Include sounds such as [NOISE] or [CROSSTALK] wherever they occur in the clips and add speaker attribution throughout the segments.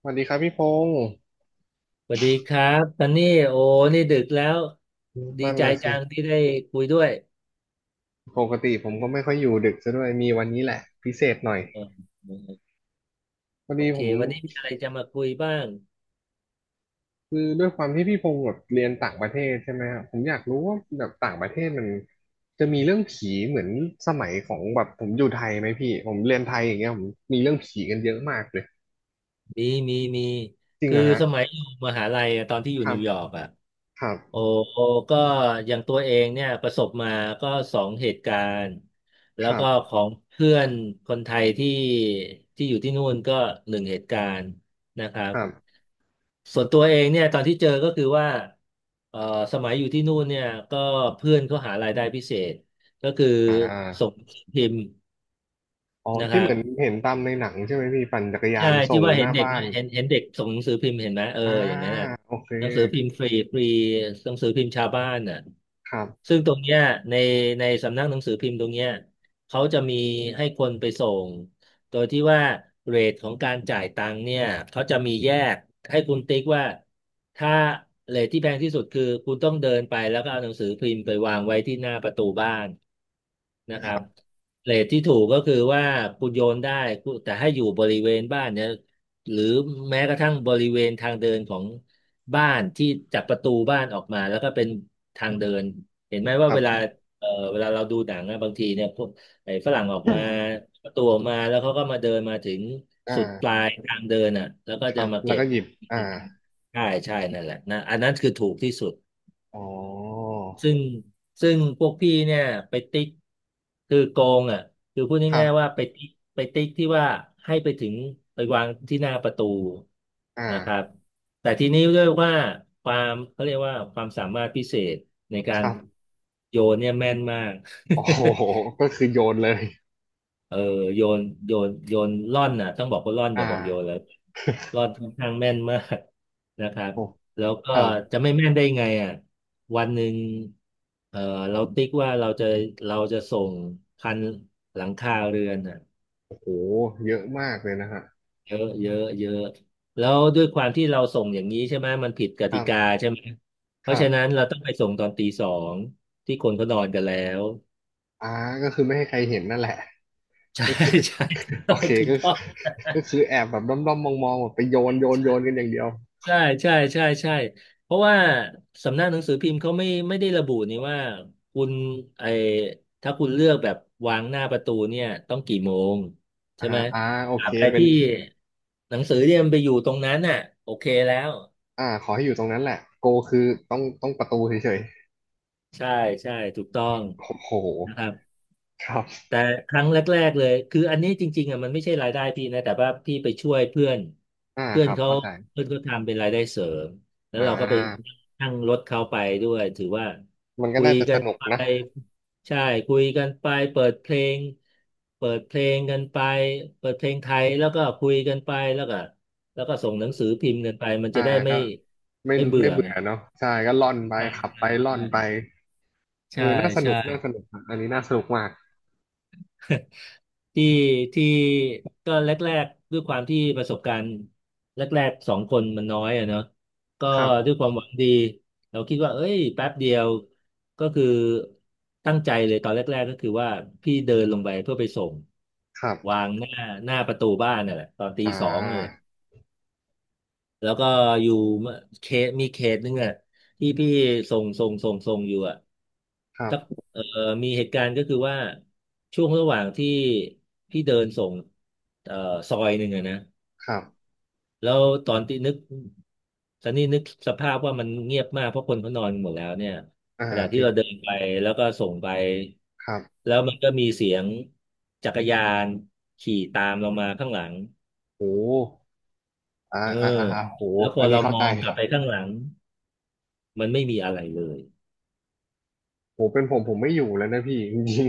Speaker 1: สวัสดีครับพี่พงศ์
Speaker 2: สวัสดีครับตอนนี้โอ้นี่ดึกแล้วดี
Speaker 1: นั่น
Speaker 2: ใจ
Speaker 1: นะ
Speaker 2: จั
Speaker 1: สิ
Speaker 2: งที่ได้คุยด้วย
Speaker 1: ปกติผมก็ไม่ค่อยอยู่ดึกซะด้วยมีวันนี้แหละพิเศษหน่อย
Speaker 2: เออ
Speaker 1: พอ
Speaker 2: โอ
Speaker 1: ดี
Speaker 2: เค
Speaker 1: ผม
Speaker 2: วันนี้มีอะไรจะมาคุยบ้าง
Speaker 1: คือด้วยความที่พี่พงศ์แบบเรียนต่างประเทศใช่ไหมครับผมอยากรู้ว่าแบบต่างประเทศมันจะมีเรื่องผีเหมือนสมัยของแบบผมอยู่ไทยไหมพี่ผมเรียนไทยอย่างเงี้ยผมมีเรื่องผีกันเยอะมากเลย
Speaker 2: มีมีมี
Speaker 1: จริง
Speaker 2: คื
Speaker 1: เห
Speaker 2: อ
Speaker 1: รอะฮะ
Speaker 2: สมัยอยู่มหาลัยอะตอนที่อยู่
Speaker 1: ครั
Speaker 2: นิ
Speaker 1: บ
Speaker 2: วยอร์กอ่ะ
Speaker 1: ครับ
Speaker 2: โอ้โอ้ก็อย่างตัวเองเนี่ยประสบมาก็สองเหตุการณ์แล้
Speaker 1: ค
Speaker 2: ว
Speaker 1: รั
Speaker 2: ก็
Speaker 1: บ
Speaker 2: ของเพื่อนคนไทยที่อยู่ที่นู่นก็หนึ่งเหตุการณ์นะครับ
Speaker 1: ครับ
Speaker 2: ส่วนตัวเองเนี่ยตอนที่เจอก็คือว่าเอ่อสมัยอยู่ที่นู่นเนี่ยก็เพื่อนเขาหารายได้พิเศษก็คือ
Speaker 1: อ่
Speaker 2: ส่งห
Speaker 1: า
Speaker 2: นังสือพิมพ์
Speaker 1: อ๋อ
Speaker 2: นะค
Speaker 1: ที่
Speaker 2: รั
Speaker 1: เห
Speaker 2: บ
Speaker 1: มือนเห็นตามในหนังใช่ไหมพี่ปั่นจักรยา
Speaker 2: ใช่
Speaker 1: น
Speaker 2: ที่
Speaker 1: ส่ง
Speaker 2: ว่า
Speaker 1: ห
Speaker 2: เห็น
Speaker 1: น้า
Speaker 2: เด็ก
Speaker 1: บ้า
Speaker 2: ไหม
Speaker 1: น
Speaker 2: เห็นเด็กส่งหนังสือพิมพ์เห็นไหมเออ
Speaker 1: อ่า
Speaker 2: อย่างนั้นน่ะ
Speaker 1: โอเค
Speaker 2: หนังสือพิมพ์ฟรีฟรีหนังสือพิมพ์ชาวบ้านน่ะ
Speaker 1: ครับ
Speaker 2: ซึ่งตรงเนี้ยในในสำนักหนังสือพิมพ์ตรงเนี้ยเขาจะมีให้คนไปส่งโดยที่ว่าเรทของการจ่ายตังค์เนี่ยเขาจะมีแยกให้คุณติ๊กว่า ถ้าเลทที่แพงที่สุดคือคุณต้องเดินไปแล้วก็เอาหนังสือพิมพ์ไปวางไว้ที่หน้าประตูบ้านนะครับเรทที่ถูกก็คือว่าคุณโยนได้คุณแต่ให้อยู่บริเวณบ้านเนี่ยหรือแม้กระทั่งบริเวณทางเดินของบ้านที่จากประตูบ้านออกมาแล้วก็เป็นทางเดินเห็นไหม
Speaker 1: ค
Speaker 2: ว่า
Speaker 1: รั
Speaker 2: เวลา
Speaker 1: บ
Speaker 2: เวลาเราดูหนังอะบางทีเนี่ยพวกไอ้ฝรั่งออกมาประตูออกมาแล้วเขาก็มาเดินมาถึงสุดปลา
Speaker 1: อ่า
Speaker 2: ยทางเดินอ่ะแล้วก็
Speaker 1: ค
Speaker 2: จะ
Speaker 1: รับ
Speaker 2: มา
Speaker 1: แล้
Speaker 2: เก็
Speaker 1: ว
Speaker 2: บ
Speaker 1: ก็หยิบอ่า
Speaker 2: ใช่ใช่นั่นแหละนะอันนั้นคือถูกที่สุด
Speaker 1: อ๋อ
Speaker 2: ซึ่งซึ่งพวกพี่เนี่ยไปติ๊กคือโกงอ่ะคือพูด
Speaker 1: ครั
Speaker 2: ง่ายๆว่า
Speaker 1: บ
Speaker 2: ไปติ๊กที่ว่าให้ไปถึงไปวางที่หน้าประตู
Speaker 1: อ่า
Speaker 2: นะครับแต่ทีนี้ด้วยว่าความเขาเรียกว่าความสามารถพิเศษในกา
Speaker 1: ค
Speaker 2: ร
Speaker 1: รับ
Speaker 2: โยนเนี่ยแม่นมาก
Speaker 1: โอ้โหก็คือโยนเลย
Speaker 2: เออโยนโยนโยนล่อนน่ะต้องบอกว่าล่อนอ
Speaker 1: อ่า
Speaker 2: ย่าบอกโยนเลยล่อนค่อนข้างแม่นมากนะครับ
Speaker 1: โอ้
Speaker 2: แล้วก็
Speaker 1: ครับ
Speaker 2: จะไม่แม่นได้ไงอ่ะวันหนึ่งเออเราติ๊กว่าเราจะส่งพันหลังคาเรือนอ่ะ
Speaker 1: โอ้โหเยอะมากเลยนะฮะ
Speaker 2: เยอะเยอะเยอะแล้วด้วยความที่เราส่งอย่างนี้ใช่ไหมมันผิดก
Speaker 1: ค
Speaker 2: ติ
Speaker 1: รั
Speaker 2: กา
Speaker 1: บ
Speaker 2: ใช่ไหมเพ
Speaker 1: ค
Speaker 2: ราะ
Speaker 1: รั
Speaker 2: ฉะนั้
Speaker 1: บ
Speaker 2: นเราต้องไปส่งตอนตีสองที่คนเขานอนกันแล้ว
Speaker 1: อ่าก็คือไม่ให้ใครเห็นนั่นแหละ
Speaker 2: [LAUGHS] ใช่
Speaker 1: ก็คือ
Speaker 2: ใช่ถูก
Speaker 1: [LAUGHS] โอ
Speaker 2: ต้อง
Speaker 1: เค
Speaker 2: ถูก
Speaker 1: ก็
Speaker 2: ต้
Speaker 1: คื
Speaker 2: อ
Speaker 1: อ
Speaker 2: ง
Speaker 1: ก็คือแอบแบบด้อมๆมองๆแบบไปโยนโยนโยนกันอย่างเดียว
Speaker 2: ใช่ใช่ใช่ใช่เพราะว่าสำนักหนังสือพิมพ์เขาไม่ไม่ได้ระบุนี่ว่าคุณไอถ้าคุณเลือกแบบวางหน้าประตูเนี่ยต้องกี่โมงใช่
Speaker 1: อ่า
Speaker 2: ไหม
Speaker 1: อ่าโอ
Speaker 2: ตรา
Speaker 1: เค
Speaker 2: บใด
Speaker 1: เป็น
Speaker 2: ที่หนังสือเนี่ยมันไปอยู่ตรงนั้นน่ะโอเคแล้ว
Speaker 1: อ่าขอให้อยู่ตรงนั้นแหละโกคือต้องต้องประตูเฉย
Speaker 2: ใช่ใช่ถูกต้อง
Speaker 1: ๆโอ้โห
Speaker 2: นะครับ
Speaker 1: ครับ
Speaker 2: แต่ครั้งแรกๆเลยคืออันนี้จริงๆอ่ะมันไม่ใช่รายได้พี่นะแต่ว่าพี่ไปช่วยเพื่อน
Speaker 1: อ่า
Speaker 2: เพื่
Speaker 1: ค
Speaker 2: อน
Speaker 1: รับ
Speaker 2: เขา
Speaker 1: เข้าใจ
Speaker 2: เพื่อนเขาทำเป็นรายได้เสริมแล้ว
Speaker 1: อ่
Speaker 2: เราก็ไป
Speaker 1: า
Speaker 2: นั่งรถเขาไปด้วยถือว่า
Speaker 1: มันก็
Speaker 2: คุย
Speaker 1: น่าจะ
Speaker 2: กั
Speaker 1: ส
Speaker 2: น
Speaker 1: นุกนะ
Speaker 2: ไปใช่คุยกันไปเปิดเพลงเปิดเพลงกันไปเปิดเพลงไทยแล้วก็คุยกันไปแล้วก็ส่งหนังสือพิมพ์กันไปมัน
Speaker 1: อ่า
Speaker 2: จะได้ไม่
Speaker 1: ก็ไม่
Speaker 2: ไม่เบื่
Speaker 1: ไม่
Speaker 2: อ
Speaker 1: เบื่
Speaker 2: ไง
Speaker 1: อเนาะใช่ก็ล่อนไป
Speaker 2: ใช่
Speaker 1: ขับไปล่อ
Speaker 2: ใช่
Speaker 1: นไปเอ
Speaker 2: ใช่
Speaker 1: อน่าสนุ
Speaker 2: ใช่
Speaker 1: กน่าสนุกอะอันนี้น่าสนุกมาก
Speaker 2: [LAUGHS] ที่ที่ก็แรกๆด้วยความที่ประสบการณ์แรกๆสองคนมันน้อยอะเนาะก็
Speaker 1: ครั
Speaker 2: ด้วย
Speaker 1: บ
Speaker 2: ความหวังดีเราคิดว่าเอ้ยแป๊บเดียวก็คือตั้งใจเลยตอนแรกๆก็คือว่าพี่เดินลงไปเพื่อไปส่ง
Speaker 1: ครับ
Speaker 2: วางหน้าประตูบ้านนั่นแหละตอนตี
Speaker 1: อ่
Speaker 2: สองนั่นแหละ
Speaker 1: า
Speaker 2: แล้วก็อยู่เขตมีเขตนึงอ่ะที่พี่ส่งอยู่อ่ะ
Speaker 1: ครับ
Speaker 2: สักเอ่อมีเหตุการณ์ก็คือว่าช่วงระหว่างที่พี่เดินส่งเอ่อซอยหนึ่งอะนะ
Speaker 1: ครับ
Speaker 2: แล้วตอนที่นึกซันนี่นึกสภาพว่ามันเงียบมากเพราะคนเขานอนหมดแล้วเนี่ย
Speaker 1: อ่า
Speaker 2: ขณะที่
Speaker 1: ติด
Speaker 2: เราเดินไปแล้วก็ส่งไป
Speaker 1: ครับ
Speaker 2: แล้วมันก็มีเสียงจักรยานขี่ตามเรามาข้างหลัง
Speaker 1: โหอ่า
Speaker 2: เออ
Speaker 1: อ่าอ่าอ่าโห
Speaker 2: แล้วพอ
Speaker 1: อันนี้
Speaker 2: เรา
Speaker 1: เข้า
Speaker 2: มอ
Speaker 1: ใจ
Speaker 2: งกลับไปข้างหลังมันไม่มีอะไรเลย
Speaker 1: โหเป็นผมผมไม่อยู่แล้วนะพี่จริง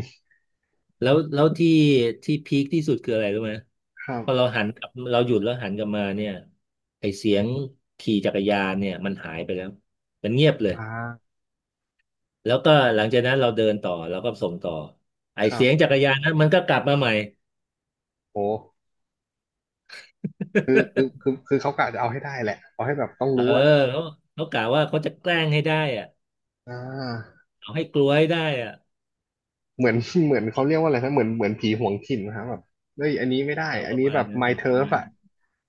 Speaker 2: แล้วที่พีคที่สุดคืออะไรรู้ไหม
Speaker 1: ๆครับ
Speaker 2: พอเราหันกลับเราหยุดแล้วหันกลับมาเนี่ยไอเสียงขี่จักรยานเนี่ยมันหายไปแล้วมันเงียบเลย
Speaker 1: อ่า
Speaker 2: แล้วก็หลังจากนั้นเราเดินต่อเราก็ส่งต่อไอ
Speaker 1: ครั
Speaker 2: เสียงจั
Speaker 1: บ
Speaker 2: กรยานนั้นมันก็กลับมาใหม่
Speaker 1: โหคือคือคือคือเขากะจะเอาให้ได้แหละเอาให้แบบต้อง
Speaker 2: เออ
Speaker 1: รู้อ่ะ
Speaker 2: เขาเขากะว่าเขาจะแกล้งให้ได้อ่ะ
Speaker 1: อ่า
Speaker 2: เอาให้กลัวให้ได้อ่ะ
Speaker 1: เหมือน [LAUGHS] เหมือนเขาเรียกว่าอะไรนะเหมือนเหมือนผีหวงถิ่นนะครับแบบเฮ้ยอันนี้ไม่ได้
Speaker 2: เออ
Speaker 1: อั
Speaker 2: ป
Speaker 1: น
Speaker 2: ระ
Speaker 1: นี้
Speaker 2: มา
Speaker 1: แบ
Speaker 2: ณ
Speaker 1: บ
Speaker 2: นั้น
Speaker 1: my
Speaker 2: น่ะประ
Speaker 1: turf
Speaker 2: มาณ
Speaker 1: อ่ะ
Speaker 2: นั้น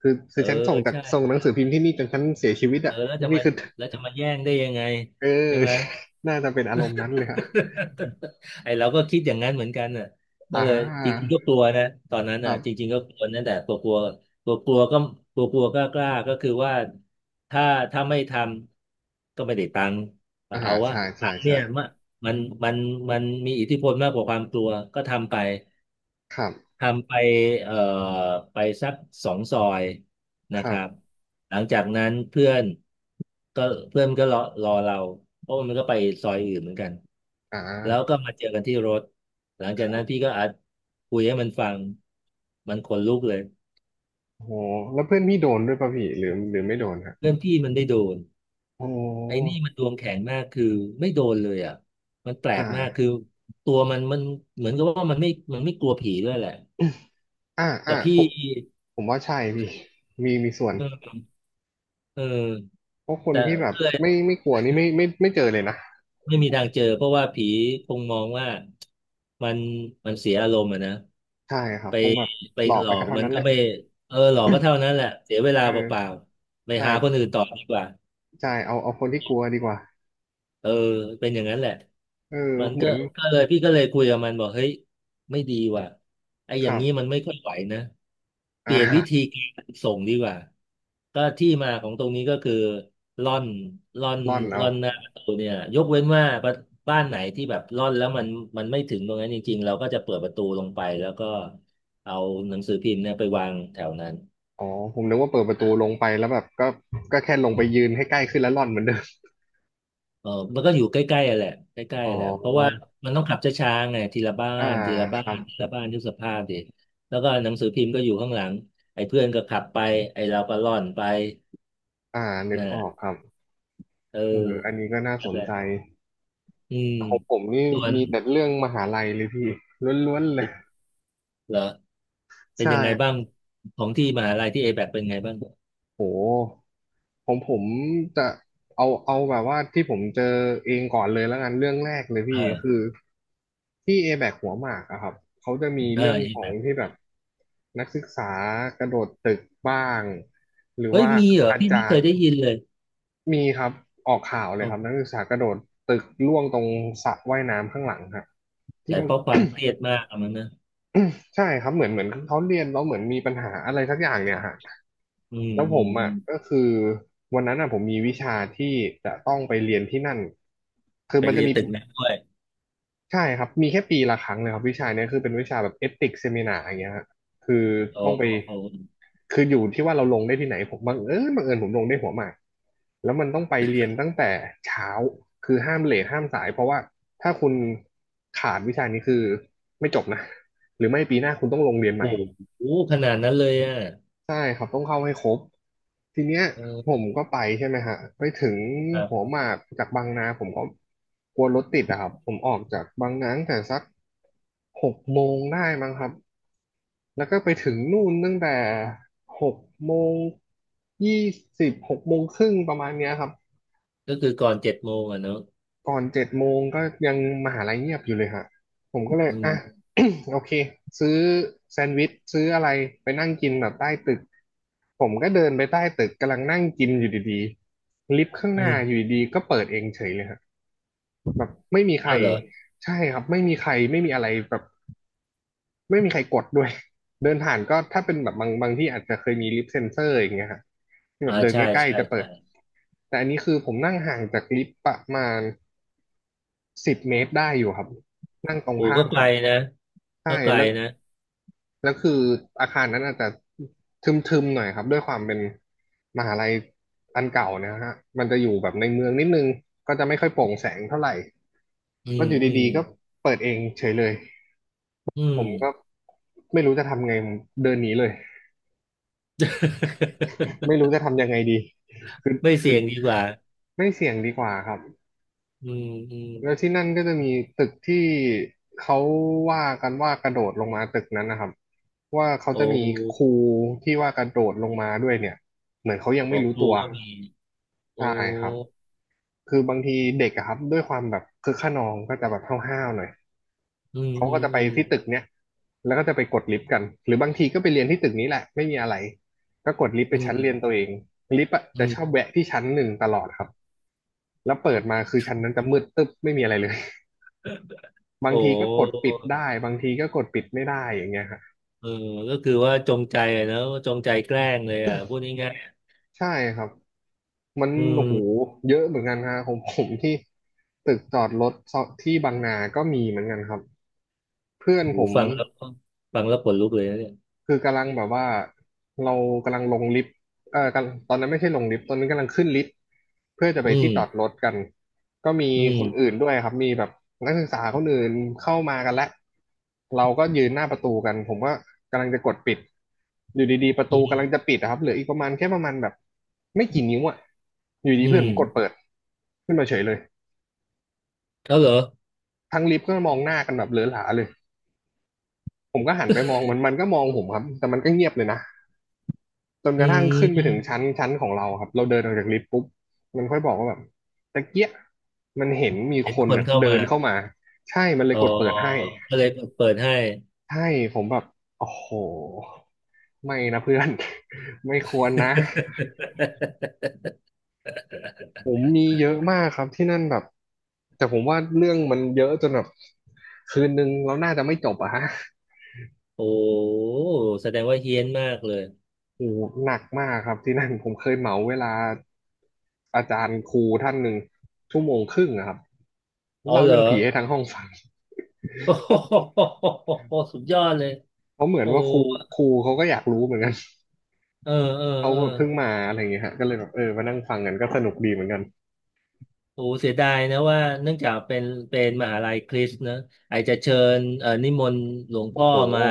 Speaker 1: คือ
Speaker 2: เอ
Speaker 1: คื
Speaker 2: อ
Speaker 1: อฉันส่งจาก
Speaker 2: ใช่
Speaker 1: ส่งหนังสือพิมพ์ที่นี่จนฉันเสียชีวิต
Speaker 2: เออ
Speaker 1: อ่ะ
Speaker 2: แล้วจะมา
Speaker 1: นี่คือ
Speaker 2: แล้วจะมาแย่งได้ยังไง
Speaker 1: เออ
Speaker 2: ใช่ไหม
Speaker 1: [LAUGHS] น่าจะเป็นอารมณ์นั้นเลยอะ
Speaker 2: [LAUGHS] ไอ้เราก็คิดอย่างนั้นเหมือนกันน่ะก็
Speaker 1: อ่
Speaker 2: เลยจริง
Speaker 1: า
Speaker 2: ๆก็กลัวนะตอนนั้น
Speaker 1: ค
Speaker 2: น่ะ
Speaker 1: รั
Speaker 2: จริ
Speaker 1: บ
Speaker 2: งๆก็กลัวนั่นแต่กลัวกลัวกลัวกลัวก็กลัวกลัวก็กล้าก็คือว่าถ้าถ้าไม่ทำก็ไม่ได้ตังค์แต่
Speaker 1: อ่า
Speaker 2: เอาว่า
Speaker 1: ใช่
Speaker 2: ตั
Speaker 1: ใช่
Speaker 2: งค์เนี่
Speaker 1: ใช่
Speaker 2: ยมันมันมันมันมีอิทธิพลมากกว่าความกลัวก็ทำไป
Speaker 1: ครับ
Speaker 2: ทำไปเอ่อไปสักสองซอย
Speaker 1: ค
Speaker 2: นะค
Speaker 1: รั
Speaker 2: รับ
Speaker 1: บ
Speaker 2: หลังจากนั้นเพื่อนก็เพื่อนก็รอรอเราเพราะมันก็ไปซอยอื่นเหมือนกัน
Speaker 1: อ่
Speaker 2: แล้วก็
Speaker 1: า
Speaker 2: มาเจอกันที่รถหลังจา
Speaker 1: ค
Speaker 2: กนั้
Speaker 1: รั
Speaker 2: นพี่
Speaker 1: บ
Speaker 2: ก็อัดคุยให้มันฟังมันขนลุกเลย
Speaker 1: โอ้โหแล้วเพื่อนพี่โดนด้วยป่ะพี่หรือหรือไม่โดนฮะ
Speaker 2: เพื่อนพี่มันได้โดน
Speaker 1: โอ้โ
Speaker 2: ไอ้นี่
Speaker 1: ห
Speaker 2: มันดวงแข็งมากคือไม่โดนเลยอ่ะมันแปล
Speaker 1: อ่า
Speaker 2: กมากคือตัวมันมันเหมือนกับว่ามันไม่มันไม่กลัวผีด้วยแหละ
Speaker 1: [COUGHS] อ่า
Speaker 2: แต่
Speaker 1: อ่า
Speaker 2: พี่
Speaker 1: ผมผมว่าใช่พี่มีมีส่วน
Speaker 2: เออเออ
Speaker 1: เพราะค
Speaker 2: แต
Speaker 1: นที่แบบ
Speaker 2: ่
Speaker 1: ไม่ไม่กลัวนี่ไม่ไม่ไม่เจอเลยนะ
Speaker 2: ไม่มีทางเจอเพราะว่าผีคงมองว่ามันมันเสียอารมณ์อะนะ
Speaker 1: ใช่ครับ
Speaker 2: ไป
Speaker 1: คงแบบ
Speaker 2: ไป
Speaker 1: หลอก
Speaker 2: หล
Speaker 1: ไป
Speaker 2: อ
Speaker 1: ก็
Speaker 2: ก
Speaker 1: เท่า
Speaker 2: มัน
Speaker 1: นั้นแห
Speaker 2: ก็
Speaker 1: ละ
Speaker 2: ไม่เออหลอกก็เท่านั้นแหละเสียเวลา
Speaker 1: เอ
Speaker 2: เปล่า
Speaker 1: อ
Speaker 2: ๆไป
Speaker 1: ใช่
Speaker 2: หาคนอื่นต่อดีกว่า
Speaker 1: ใช่เอาเอาคนที่กลัวดีกว่า
Speaker 2: เออเป็นอย่างนั้นแหละ
Speaker 1: เออ
Speaker 2: มัน
Speaker 1: เหมื
Speaker 2: ก็
Speaker 1: อน
Speaker 2: ก็เลยพี่ก็เลยคุยกับมันบอกเฮ้ยไม่ดีว่ะไอ้อ
Speaker 1: ค
Speaker 2: ย่าง
Speaker 1: รั
Speaker 2: นี้มัน
Speaker 1: บ
Speaker 2: ไม่ค่อยไหวนะ
Speaker 1: อ
Speaker 2: เปลี่ยนวิธี
Speaker 1: ่า
Speaker 2: การส่งดีกว่าก็ที่มาของตรงนี้ก็คือร่อนร่อน
Speaker 1: ร่อนเอา
Speaker 2: ร่อนหน้าประตูเนี่ยยกเว้นว่าบ้านบ้านไหนที่แบบร่อนแล้วมันมันไม่ถึงตรงนั้นจริงๆเราก็จะเปิดประตูลงไปแล้วก็เอาหนังสือพิมพ์เนี่ยไปวางแถวนั้น
Speaker 1: อ๋อผมนึกว่าเปิดประตูลงไปแล้วแบบก็ก็แค่ลงไปยืนให้ใกล้ขึ้นแล้วร่อนเหมือนเดิม
Speaker 2: เออมันก็อยู่ใกล้ๆอะแหละใกล้
Speaker 1: อ๋
Speaker 2: ๆ
Speaker 1: อ
Speaker 2: อะแหละเพราะว่ามันต้องขับช้าๆไงทีละบ้า
Speaker 1: อ่า
Speaker 2: นทีละ
Speaker 1: ค
Speaker 2: บ้า
Speaker 1: รั
Speaker 2: น
Speaker 1: บ
Speaker 2: ทีละบ้านทุกสภาพดิแล้วก็หนังสือพิมพ์ก็อยู่ข้างหลังไอ้เพื่อนก็ขับไปไอ้เราก็ล่อนไป
Speaker 1: อ่านึ
Speaker 2: น
Speaker 1: กออกค
Speaker 2: ่ะ
Speaker 1: รับ
Speaker 2: เออ
Speaker 1: เอออันนี้ก็น่า
Speaker 2: นั่
Speaker 1: ส
Speaker 2: น
Speaker 1: น
Speaker 2: แหละ
Speaker 1: ใจ
Speaker 2: อืม
Speaker 1: ของผมนี่
Speaker 2: ส่วน
Speaker 1: มีแต่เรื่องมหาลัยเลยพี่ล้วนๆเลย
Speaker 2: เหรอเป็น
Speaker 1: ใช่
Speaker 2: ยังไง
Speaker 1: ค
Speaker 2: บ้า
Speaker 1: รั
Speaker 2: ง
Speaker 1: บ
Speaker 2: ของที่มหาลัยที่เอแบเป็นไงบ้าง
Speaker 1: โห ผมผมจะเอาเอาแบบว่าที่ผมเจอเองก่อนเลยแล้วกันเรื่องแรกเลย
Speaker 2: เอ
Speaker 1: พี่
Speaker 2: อ
Speaker 1: คือที่เอแบกหัวหมากอะครับเขาจะมี
Speaker 2: เออ
Speaker 1: เรื่อง
Speaker 2: เอ
Speaker 1: ขอ
Speaker 2: แบ
Speaker 1: งที่แบบนักศึกษากระโดดตึกบ้างหรือ
Speaker 2: เฮ้ย
Speaker 1: ว่า
Speaker 2: มีเหรอ
Speaker 1: อา
Speaker 2: พี่ไม่
Speaker 1: จา
Speaker 2: เค
Speaker 1: ร
Speaker 2: ย
Speaker 1: ย์
Speaker 2: ได้ยินเลย
Speaker 1: มีครับออกข่าวเล
Speaker 2: อ๋
Speaker 1: ยครับ
Speaker 2: อ
Speaker 1: นักศึกษากระโดดตึกล่วงตรงสระว่ายน้ำข้างหลังฮะที่
Speaker 2: ใช่
Speaker 1: มัน
Speaker 2: เพราะความเครียดมากอะมันนะ
Speaker 1: [COUGHS] ใช่ครับเหมือนเหมือนเขาเรียนแล้วเหมือนมีปัญหาอะไรสักอย่างเนี่ยฮะ
Speaker 2: อืม
Speaker 1: แล้วผ
Speaker 2: อืม
Speaker 1: ม
Speaker 2: อื
Speaker 1: อ่ะ
Speaker 2: ม
Speaker 1: ก็คือวันนั้นอ่ะผมมีวิชาที่จะต้องไปเรียนที่นั่นคือ
Speaker 2: ไป
Speaker 1: มัน
Speaker 2: เรี
Speaker 1: จะ
Speaker 2: ยน
Speaker 1: มี
Speaker 2: ตึกนั้นด้วย
Speaker 1: ใช่ครับมีแค่ปีละครั้งเลยครับวิชาเนี้ยคือเป็นวิชาแบบเอติกเซมินาอย่างเงี้ยฮะคือ
Speaker 2: โอ้
Speaker 1: ต้องไป
Speaker 2: โห
Speaker 1: คืออยู่ที่ว่าเราลงได้ที่ไหนผมบังเอิญผมลงได้หัวหมากแล้วมันต้องไปเรียนตั้งแต่เช้าคือห้ามเลทห้ามสายเพราะว่าถ้าคุณขาดวิชานี้คือไม่จบนะหรือไม่ปีหน้าคุณต้องลงเรียนให
Speaker 2: โอ้
Speaker 1: ม่
Speaker 2: โหขนาดนั้นเลยอ่ะ
Speaker 1: ใช่ครับต้องเข้าให้ครบทีเนี้ยผ
Speaker 2: เอ
Speaker 1: ม
Speaker 2: อ
Speaker 1: ก็ไปใช่ไหมฮะไปถึง
Speaker 2: ครั
Speaker 1: หัว
Speaker 2: บ
Speaker 1: หมากจากบางนาผมก็กลัวรถติดอะครับผมออกจากบางนาตั้งแต่สักหกโมงได้มั้งครับแล้วก็ไปถึงนู่นตั้งแต่หกโมงยี่สิบหกโมงครึ่งประมาณเนี้ยครับ
Speaker 2: ก็คือก่อนเจ็ดโมงอ่ะเนอะ
Speaker 1: ก่อนเจ็ดโมงก็ยังมหาลัยเงียบอยู่เลยฮะผมก็เลย
Speaker 2: อื
Speaker 1: อ่ะ
Speaker 2: ม
Speaker 1: [COUGHS] โอเคซื้อแซนด์วิชซื้ออะไรไปนั่งกินแบบใต้ตึกผมก็เดินไปใต้ตึกกำลังนั่งกินอยู่ดีๆลิฟต์ข้าง
Speaker 2: อื
Speaker 1: หน้า
Speaker 2: ม
Speaker 1: อยู่ดีๆก็เปิดเองเฉยเลยฮะแบบไม่มีใคร
Speaker 2: อ้าวเหรอ
Speaker 1: ใช่ครับไม่มีใครไม่มีอะไรแบบไม่มีใครกดด้วย [LAUGHS] เดินผ่านก็ถ้าเป็นแบบบางบางที่อาจจะเคยมีลิฟต์เซ็นเซอร์อย่างเงี้ยฮะที่แบ
Speaker 2: อ่า
Speaker 1: บเดิน
Speaker 2: ใช่
Speaker 1: ใกล้
Speaker 2: ใช่
Speaker 1: ๆจะเปิ
Speaker 2: ใช่
Speaker 1: ดแต่อันนี้คือผมนั่งห่างจากลิฟต์ประมาณ 10 เมตรได้อยู่ครับนั่งตรง
Speaker 2: โอ้
Speaker 1: ข้า
Speaker 2: ก็
Speaker 1: ม
Speaker 2: ไก
Speaker 1: กั
Speaker 2: ล
Speaker 1: นเ
Speaker 2: นะก็
Speaker 1: ใช่
Speaker 2: ไกล
Speaker 1: แล้ว
Speaker 2: นะ
Speaker 1: แล้วคืออาคารนั้นอาจจะทึมๆหน่อยครับด้วยความเป็นมหาลัยอันเก่าเนะฮะมันจะอยู่แบบในเมืองนิดนึงก็จะไม่ค่อยโปร่งแสงเท่าไหร่
Speaker 2: อื
Speaker 1: ก็
Speaker 2: ม
Speaker 1: อยู่
Speaker 2: อื
Speaker 1: ดี
Speaker 2: ม
Speaker 1: ๆก็เปิดเองเฉยเลย
Speaker 2: อื
Speaker 1: ผ
Speaker 2: ม
Speaker 1: มก็ไม่รู้จะทำไงผมเดินหนีเลยไม่
Speaker 2: [LAUGHS]
Speaker 1: รู้จะทำยังไงดีคือ
Speaker 2: ไม่
Speaker 1: คื
Speaker 2: เสี่
Speaker 1: อ
Speaker 2: ยงดีกว่า
Speaker 1: ไม่เสี่ยงดีกว่าครับ
Speaker 2: อืมอืม
Speaker 1: แล้วที่นั่นก็จะมีตึกที่เขาว่ากันว่ากระโดดลงมาตึกนั้นนะครับว่าเขาจะ
Speaker 2: โอ้
Speaker 1: มีครูที่ว่ากระโดดลงมาด้วยเนี่ยเหมือนเขายัง
Speaker 2: หม
Speaker 1: ไม่
Speaker 2: อ
Speaker 1: รู้
Speaker 2: ครู
Speaker 1: ตัว
Speaker 2: ก็
Speaker 1: อืม
Speaker 2: มีโอ้
Speaker 1: ใช่ครับคือบางทีเด็กอะครับด้วยความแบบคึกคะนองก็จะแบบห้าวๆหน่อย
Speaker 2: อืม
Speaker 1: เขา
Speaker 2: อื
Speaker 1: ก็
Speaker 2: ม
Speaker 1: จะไป
Speaker 2: อืม
Speaker 1: ที่ตึกเนี้ยแล้วก็จะไปกดลิฟต์กันหรือบางทีก็ไปเรียนที่ตึกนี้แหละไม่มีอะไรก็กดลิฟต์ไป
Speaker 2: อื
Speaker 1: ชั้นเรียน
Speaker 2: ม
Speaker 1: ตัวเองลิฟต์อะ
Speaker 2: อื
Speaker 1: จะชอบ
Speaker 2: ม
Speaker 1: แวะที่ชั้นหนึ่งตลอดครับแล้วเปิดมาคือชั้นนั้นจะมืดตึ๊บไม่มีอะไรเลย
Speaker 2: โอ
Speaker 1: บางทีก็กด
Speaker 2: ้
Speaker 1: ปิดได้บางทีก็กดปิดไม่ได้อย่างเงี้ยฮะ
Speaker 2: เออก็คือว่าจงใจอะเนอะจงใจแกล้งเลยอ่ะพูดง่าย
Speaker 1: ใช่ครับมัน
Speaker 2: ๆอืม
Speaker 1: โอ้โหเยอะเหมือนกันฮะของผมที่ตึกจอดรถที่บางนาก็มีเหมือนกันครับเพื่อนผ
Speaker 2: หู
Speaker 1: ม
Speaker 2: ฟังแล้วก็ฟังแล้วขนลุกเลยนะเนี่ย
Speaker 1: คือกำลังแบบว่าเรากำลังลงลิฟต์เออกำลังตอนนั้นไม่ใช่ลงลิฟต์ตอนนั้นกำลังขึ้นลิฟต์เพื่อจะไป
Speaker 2: อื
Speaker 1: ที่
Speaker 2: ม
Speaker 1: จอดรถกันก็มี
Speaker 2: อื
Speaker 1: คน
Speaker 2: ม
Speaker 1: อื่นด้วยครับมีแบบนักศึกษาคนอื่นเข้ามากันแล้วเราก็ยืนหน้าประตูกันผมก็กำลังจะกดปิดอยู่ดีๆประ
Speaker 2: อื
Speaker 1: ตูกำลั
Speaker 2: ม
Speaker 1: งจะปิดอะครับเหลืออีกประมาณแค่ประมาณแบบไม่กี่นิ้วอะอยู่ดี
Speaker 2: อื
Speaker 1: เพื่อ
Speaker 2: ม
Speaker 1: นผมกดเปิดขึ้นมาเฉยเลย
Speaker 2: เขาเหรอ
Speaker 1: ทั้งลิฟต์ก็มองหน้ากันแบบเหลือหลาเลยผมก็หันไปมองมันมันก็มองผมครับแต่มันก็เงียบเลยนะ จนก
Speaker 2: อื
Speaker 1: ระทั่งขึ้นไปถึ
Speaker 2: ม
Speaker 1: งชั้นของเราครับ เราเดินออกจากลิฟต์ปุ๊บ มันค่อยบอกว่าแบบตะเกียะมันเห็นมี
Speaker 2: เห็น
Speaker 1: คน
Speaker 2: คน
Speaker 1: น่ะ
Speaker 2: เข้า
Speaker 1: เดิ
Speaker 2: มา
Speaker 1: นเข้ามา ใช่ มันเล
Speaker 2: อ๋
Speaker 1: ย
Speaker 2: อ
Speaker 1: กดเปิดให้
Speaker 2: ก็เลยเปิดให้
Speaker 1: ใช่ ผมแบบโอ้โห ไม่นะเพื่อน [LAUGHS] ไม่ควรนะ
Speaker 2: [LAUGHS]
Speaker 1: ผมมีเยอะมากครับที่นั่นแบบ แต่ผมว่าเรื่องมันเยอะจนแบบคืนนึงเราน่าจะไม่จบอะฮะ
Speaker 2: โอ้แสดงว่าเฮี้ยนมากเลย
Speaker 1: โอ้โหหนักมากครับที่นั่นผมเคยเหมาเวลาอาจารย์ครูท่านหนึ่งชั่วโมงครึ่งอะครับ
Speaker 2: อ๋อ
Speaker 1: เล่า
Speaker 2: เหรอ
Speaker 1: เรื่องผีให้ทั้งห้องฟัง
Speaker 2: โอ้โห [LAUGHS] สุดยอดเลย
Speaker 1: เพราะเหมือ
Speaker 2: โอ้
Speaker 1: นว่าครูเขาก็อยากรู้เหมือนกัน
Speaker 2: เออเออ
Speaker 1: [LAUGHS] เขา
Speaker 2: เออ
Speaker 1: แบบเพิ่งมาอะไรอย่างเงี้ยฮะก็เลยแบบเออมานั่งฟังกันก็สนุกดีเหมือนกัน
Speaker 2: โอ้เสียดายนะว่าเนื่องจากเป็นเป็นมหาลัยคริสต์นะไอจะเชิญนิมนต์หลวง
Speaker 1: โอ้
Speaker 2: พ่อ
Speaker 1: โห
Speaker 2: มา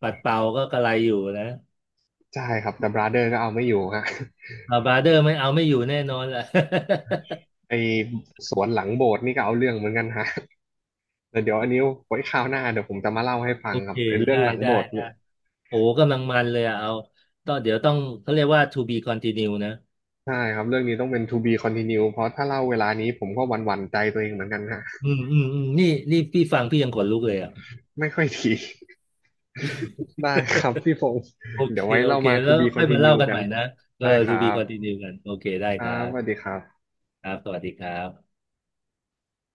Speaker 2: ปัดเป่าก็กระไรอยู่นะ
Speaker 1: ใช่ครับแต่บราเดอร์ก็เอาไม่อยู่ฮะ [LAUGHS]
Speaker 2: บราเดอร์ไม่เอาไม่อยู่แน่นอนแหละ
Speaker 1: ไอสวนหลังโบสถ์นี่ก็เอาเรื่องเหมือนกันฮะแต่เดี๋ยวอันนี้ไว้คราวหน้าเดี๋ยวผมจะมาเล่าให้
Speaker 2: [LAUGHS]
Speaker 1: ฟั
Speaker 2: โอ
Speaker 1: งค
Speaker 2: เค
Speaker 1: รับไอเรื่อ
Speaker 2: ได้
Speaker 1: งหลัง
Speaker 2: ได้
Speaker 1: โบสถ์เนี่ย
Speaker 2: โอ้กำลังมันเลยอะเอาต้องเดี๋ยวต้องเขาเรียกว่า to be continue นะ
Speaker 1: ใช่ครับเรื่องนี้ต้องเป็น to be continue เพราะถ้าเล่าเวลานี้ผมก็หวั่นๆใจตัวเองเหมือนกันฮะ
Speaker 2: อืมอืมอืมนี่นี่พี่ฟังพี่ยังขนลุกเลยอ่ะ
Speaker 1: ไม่ค่อยดี [LAUGHS] ได้ครับพี่พงศ์
Speaker 2: โอเค
Speaker 1: เดี๋ยวไว้
Speaker 2: โอ
Speaker 1: เรา
Speaker 2: เค
Speaker 1: มา to
Speaker 2: แล้ว
Speaker 1: be
Speaker 2: ค่อยมาเล่า
Speaker 1: continue
Speaker 2: กัน
Speaker 1: กั
Speaker 2: ให
Speaker 1: น
Speaker 2: ม่นะเออ
Speaker 1: ได้ค
Speaker 2: to
Speaker 1: รั
Speaker 2: be
Speaker 1: บ
Speaker 2: continue กันโอเคได้
Speaker 1: ค
Speaker 2: ค
Speaker 1: รั
Speaker 2: รั
Speaker 1: บสวัส
Speaker 2: บ
Speaker 1: ดีครับ
Speaker 2: ครับสวัสดีครับ